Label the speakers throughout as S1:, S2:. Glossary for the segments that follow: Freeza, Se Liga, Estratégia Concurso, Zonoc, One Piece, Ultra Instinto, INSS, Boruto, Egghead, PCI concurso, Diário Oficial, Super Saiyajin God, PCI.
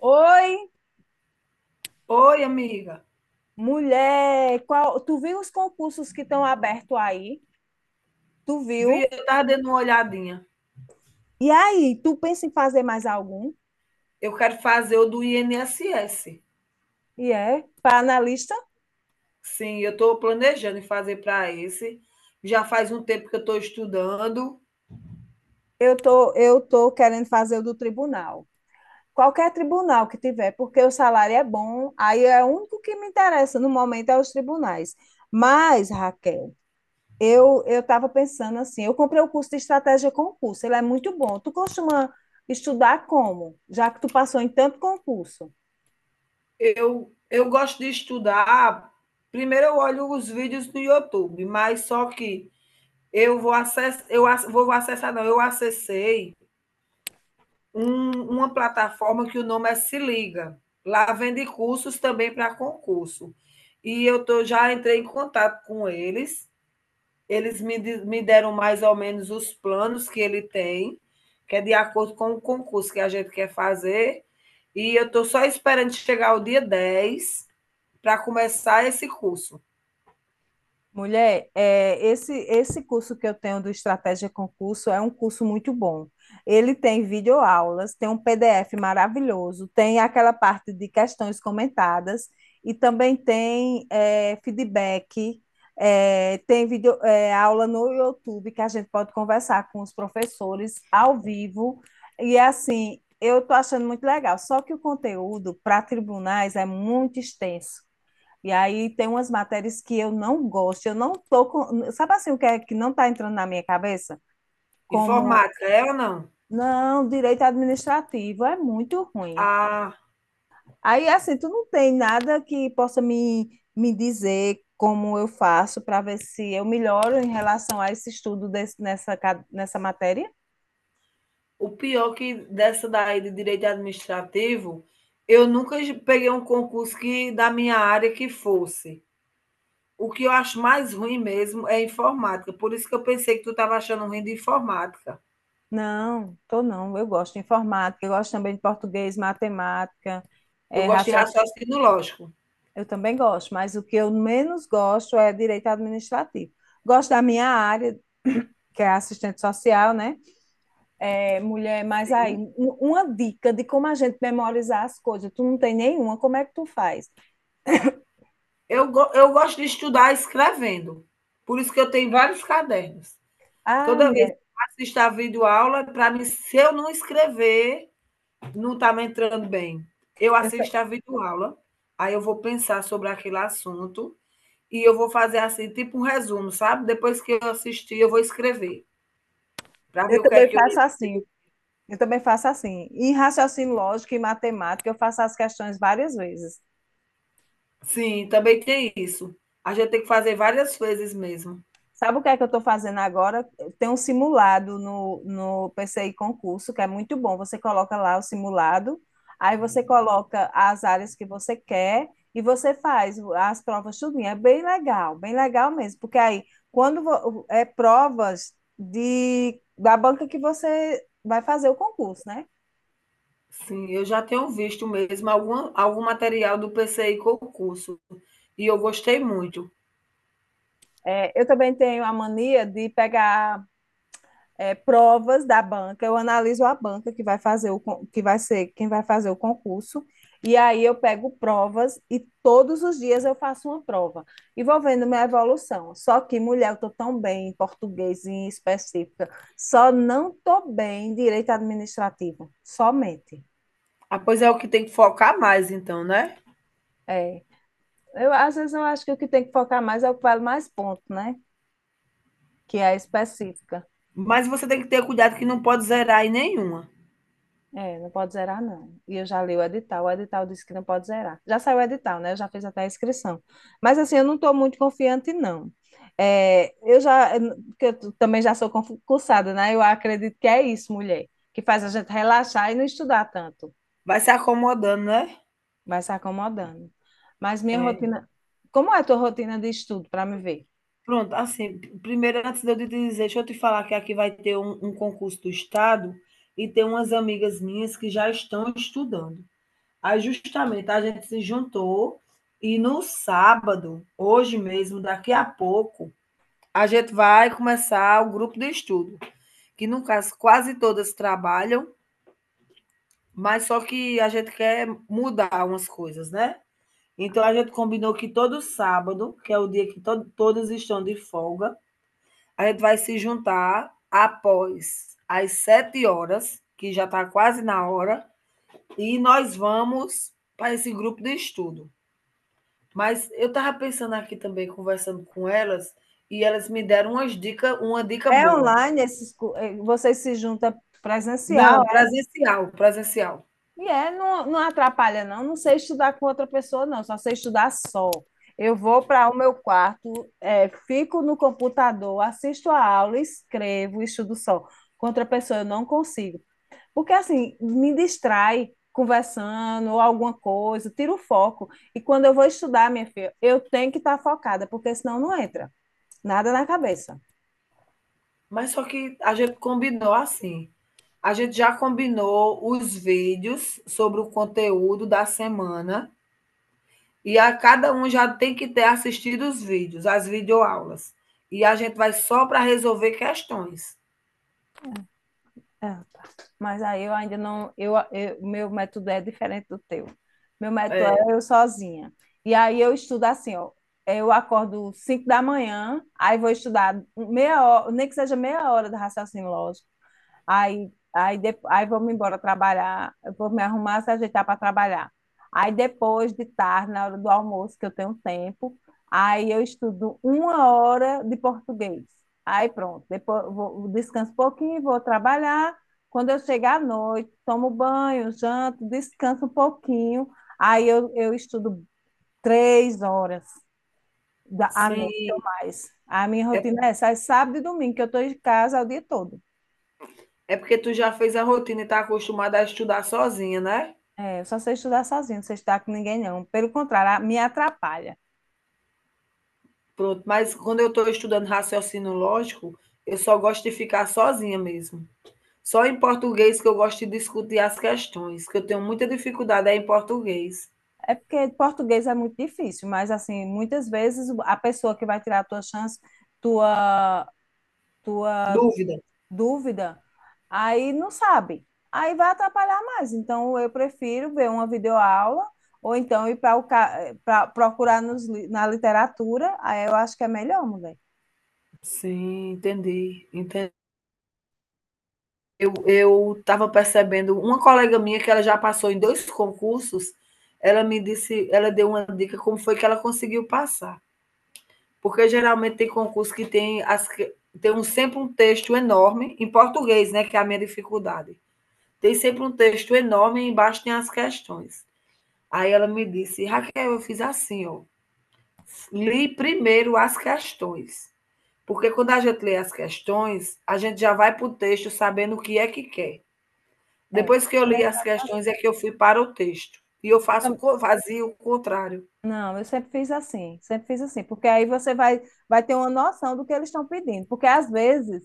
S1: Oi,
S2: Oi, amiga.
S1: mulher, qual, tu viu os concursos que estão abertos aí? Tu viu?
S2: Vi, eu estava dando uma olhadinha.
S1: E aí, tu pensa em fazer mais algum?
S2: Eu quero fazer o do INSS.
S1: E é, para analista,
S2: Sim, eu estou planejando em fazer para esse. Já faz um tempo que eu estou estudando.
S1: eu tô querendo fazer o do tribunal. Qualquer tribunal que tiver, porque o salário é bom, aí é o único que me interessa no momento é os tribunais. Mas, Raquel, eu estava pensando assim, eu comprei o curso de estratégia concurso, ele é muito bom. Tu costuma estudar como? Já que tu passou em tanto concurso.
S2: Eu gosto de estudar. Primeiro eu olho os vídeos no YouTube, mas só que eu vou acessar, eu ac- vou acessar, não, eu acessei uma plataforma que o nome é Se Liga. Lá vende cursos também para concurso. E eu tô, já entrei em contato com eles, me deram mais ou menos os planos que ele tem, que é de acordo com o concurso que a gente quer fazer. E eu estou só esperando chegar o dia 10 para começar esse curso.
S1: Mulher, é, esse curso que eu tenho do Estratégia Concurso é um curso muito bom. Ele tem videoaulas, tem um PDF maravilhoso, tem aquela parte de questões comentadas e também tem é, feedback, é, tem vídeo, é, aula no YouTube que a gente pode conversar com os professores ao vivo. E assim, eu estou achando muito legal, só que o conteúdo para tribunais é muito extenso. E aí tem umas matérias que eu não gosto, eu não tô com... Sabe assim o que é que não está entrando na minha cabeça? Como,
S2: Informática, é ou não?
S1: não, direito administrativo é muito ruim.
S2: Ah,
S1: Aí, assim, tu não tem nada que possa me, me dizer como eu faço para ver se eu melhoro em relação a esse estudo desse, nessa, nessa matéria?
S2: o pior que dessa daí de direito administrativo, eu nunca peguei um concurso que da minha área que fosse. O que eu acho mais ruim mesmo é informática. Por isso que eu pensei que tu estava achando ruim de informática.
S1: Não, tô não. Eu gosto de informática, eu gosto também de português, matemática,
S2: Eu
S1: é,
S2: gosto de
S1: raciocínio.
S2: raciocínio lógico.
S1: Eu também gosto, mas o que eu menos gosto é direito administrativo. Gosto da minha área, que é assistente social, né? É, mulher, mas aí,
S2: Sim.
S1: uma dica de como a gente memorizar as coisas. Tu não tem nenhuma, como é que tu faz?
S2: Eu gosto de estudar escrevendo, por isso que eu tenho vários cadernos.
S1: Ah,
S2: Toda vez que
S1: mulher,
S2: eu assisto a videoaula, para mim, se eu não escrever, não está me entrando bem. Eu
S1: eu, ta-
S2: assisto a videoaula, aí eu vou pensar sobre aquele assunto e eu vou fazer assim, tipo um resumo, sabe? Depois que eu assistir, eu vou escrever, para ver
S1: eu
S2: o que é
S1: também
S2: que eu.
S1: faço assim. Eu também faço assim. Em raciocínio lógico e matemática, eu faço as questões várias vezes.
S2: Sim, também tem isso. A gente tem que fazer várias vezes mesmo.
S1: Sabe o que é que eu estou fazendo agora? Tem um simulado no PCI concurso, que é muito bom. Você coloca lá o simulado, aí você coloca as áreas que você quer e você faz as provas tudinho. É bem legal mesmo, porque aí quando é provas de da banca que você vai fazer o concurso, né?
S2: Sim, eu já tenho visto mesmo algum material do PCI concurso e eu gostei muito.
S1: É, eu também tenho a mania de pegar é, provas da banca, eu analiso a banca que vai fazer o que vai ser quem vai fazer o concurso, e aí eu pego provas e todos os dias eu faço uma prova e vou vendo minha evolução. Só que, mulher, eu estou tão bem em português em específica, só não estou bem em direito administrativo, somente.
S2: Ah, pois é o que tem que focar mais, então, né?
S1: É. Eu, às vezes eu acho que o que tem que focar mais é o que vale mais ponto, né? Que é a específica.
S2: Mas você tem que ter cuidado que não pode zerar em nenhuma.
S1: É, não pode zerar, não. E eu já li o edital disse que não pode zerar. Já saiu o edital, né? Eu já fiz até a inscrição. Mas, assim, eu não estou muito confiante, não. É, eu já, porque eu também já sou concursada, né? Eu acredito que é isso, mulher, que faz a gente relaxar e não estudar tanto,
S2: Vai se acomodando, né?
S1: vai se acomodando. Mas minha
S2: É.
S1: rotina. Como é a tua rotina de estudo, para me ver?
S2: Pronto, assim, primeiro, antes de eu te dizer, deixa eu te falar que aqui vai ter um concurso do Estado e tem umas amigas minhas que já estão estudando. Aí, justamente, a gente se juntou e no sábado, hoje mesmo, daqui a pouco, a gente vai começar o grupo de estudo, que no caso quase todas trabalham, mas só que a gente quer mudar umas coisas, né? Então a gente combinou que todo sábado, que é o dia que to todas estão de folga, a gente vai se juntar após as 7 horas, que já está quase na hora, e nós vamos para esse grupo de estudo. Mas eu estava pensando aqui também, conversando com elas, e elas me deram umas dicas, uma dica
S1: É
S2: boa.
S1: online, esses, vocês se juntam presencial?
S2: Não, presencial, presencial.
S1: E é, não, não atrapalha, não. Não sei estudar com outra pessoa, não. Só sei estudar só. Eu vou para o meu quarto, é, fico no computador, assisto a aula, escrevo, estudo só. Com outra pessoa eu não consigo. Porque, assim, me distrai conversando ou alguma coisa, tiro o foco. E quando eu vou estudar, minha filha, eu tenho que estar focada, porque senão não entra nada na cabeça.
S2: Mas só que a gente combinou assim, a gente já combinou os vídeos sobre o conteúdo da semana e a cada um já tem que ter assistido os vídeos, as videoaulas. E a gente vai só para resolver questões.
S1: Ah, tá. Mas aí eu ainda não, meu método é diferente do teu. Meu método
S2: É,
S1: é eu sozinha. E aí eu estudo assim, ó. Eu acordo 5 da manhã, aí vou estudar meia hora, nem que seja meia hora do raciocínio lógico. Aí vamos embora trabalhar, eu vou me arrumar, se ajeitar para trabalhar. Aí depois de tarde, na hora do almoço, que eu tenho tempo, aí eu estudo uma hora de português. Aí pronto, depois eu vou, descanso um pouquinho, vou trabalhar. Quando eu chegar à noite, tomo banho, janto, descanso um pouquinho. Aí eu estudo três horas da, à noite.
S2: sim.
S1: A minha rotina é essa, é sábado e domingo, que eu estou em casa o dia todo.
S2: É porque tu já fez a rotina e está acostumada a estudar sozinha, né?
S1: É, eu só sei estudar sozinho, não sei estudar com ninguém, não. Pelo contrário, me atrapalha.
S2: Pronto, mas quando eu estou estudando raciocínio lógico, eu só gosto de ficar sozinha mesmo. Só em português que eu gosto de discutir as questões, que eu tenho muita dificuldade é em português.
S1: É porque português é muito difícil, mas, assim, muitas vezes a pessoa que vai tirar a tua chance, tua, tua
S2: Dúvida.
S1: dúvida, aí não sabe. Aí vai atrapalhar mais. Então, eu prefiro ver uma videoaula ou então ir para o procurar nos, na literatura. Aí eu acho que é melhor, mulher.
S2: Sim, entendi, entendi. Eu estava percebendo uma colega minha que ela já passou em 2 concursos, ela me disse ela deu uma dica como foi que ela conseguiu passar, porque geralmente tem concurso que tem as que tem um sempre um texto enorme, em português, né, que é a minha dificuldade. Tem sempre um texto enorme e embaixo tem as questões. Aí ela me disse: "Raquel, eu fiz assim ó, li primeiro as questões. Porque quando a gente lê as questões, a gente já vai para o texto sabendo o que é que quer.
S1: É, eu
S2: Depois que eu li
S1: também
S2: as
S1: faço
S2: questões,
S1: assim.
S2: é que eu fui para o texto. E eu faço
S1: Eu
S2: o fazia o contrário."
S1: Não, eu sempre fiz assim, porque aí você vai, vai ter uma noção do que eles estão pedindo, porque às vezes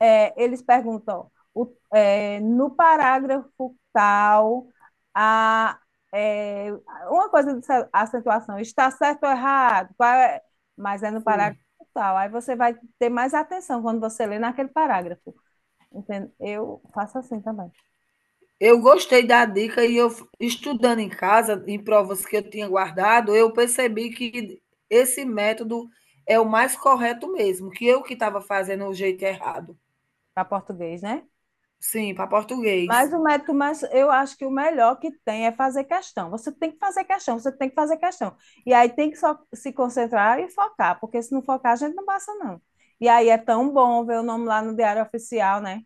S1: é, eles perguntam é, no parágrafo tal, a, é, uma coisa de acentuação, está certo ou errado, qual é- mas é no
S2: Sim,
S1: parágrafo tal, aí você vai ter mais atenção quando você lê naquele parágrafo, entende? Eu faço assim também,
S2: Eu gostei da dica e eu, estudando em casa, em provas que eu tinha guardado, eu percebi que esse método é o mais correto mesmo, que eu que estava fazendo o jeito errado.
S1: para português, né?
S2: Sim, para
S1: Mas
S2: português.
S1: o método, mas eu acho que o melhor que tem é fazer questão. Você tem que fazer questão, você tem que fazer questão. E aí tem que só se concentrar e focar, porque se não focar, a gente não passa, não. E aí é tão bom ver o nome lá no Diário Oficial, né?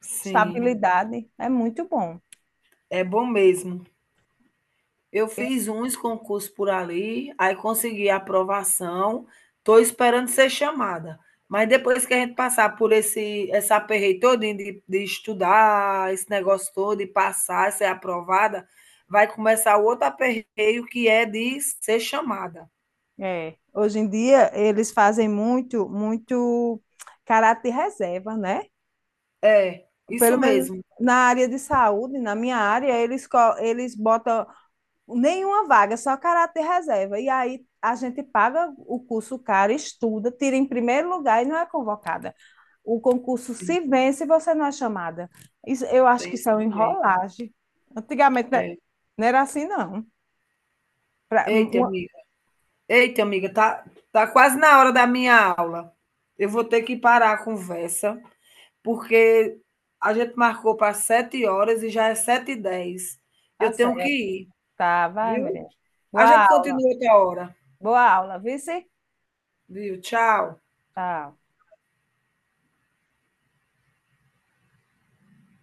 S2: Sim,
S1: Estabilidade é muito bom.
S2: é bom mesmo. Eu
S1: Eu-
S2: fiz uns concursos por ali, aí consegui a aprovação, estou esperando ser chamada. Mas depois que a gente passar por esse essa aperreio todinho de estudar, esse negócio todo, de passar, ser aprovada, vai começar o outro aperreio que é de ser chamada.
S1: É. Hoje em dia, eles fazem muito, muito caráter reserva, né?
S2: É, isso
S1: Pelo menos
S2: mesmo.
S1: na área de saúde, na minha área, eles botam nenhuma vaga, só caráter reserva. E aí a gente paga o curso caro, estuda, tira em primeiro lugar e não é convocada. O concurso
S2: Sim,
S1: se vence e você não é chamada. Isso, eu acho
S2: tem
S1: que isso
S2: isso
S1: é uma
S2: também.
S1: enrolagem. Antigamente né,
S2: É.
S1: não era assim, não. Pra,
S2: Eita,
S1: uma...
S2: amiga. Eita, amiga, tá, quase na hora da minha aula. Eu vou ter que parar a conversa, porque a gente marcou para 7 horas e já é sete h 10.
S1: Tá
S2: Eu tenho que
S1: certo,
S2: ir,
S1: tá, vai,
S2: viu?
S1: mulher.
S2: A
S1: Boa
S2: gente
S1: aula,
S2: continua outra hora,
S1: boa aula, vice?
S2: viu? Tchau.
S1: Tchau.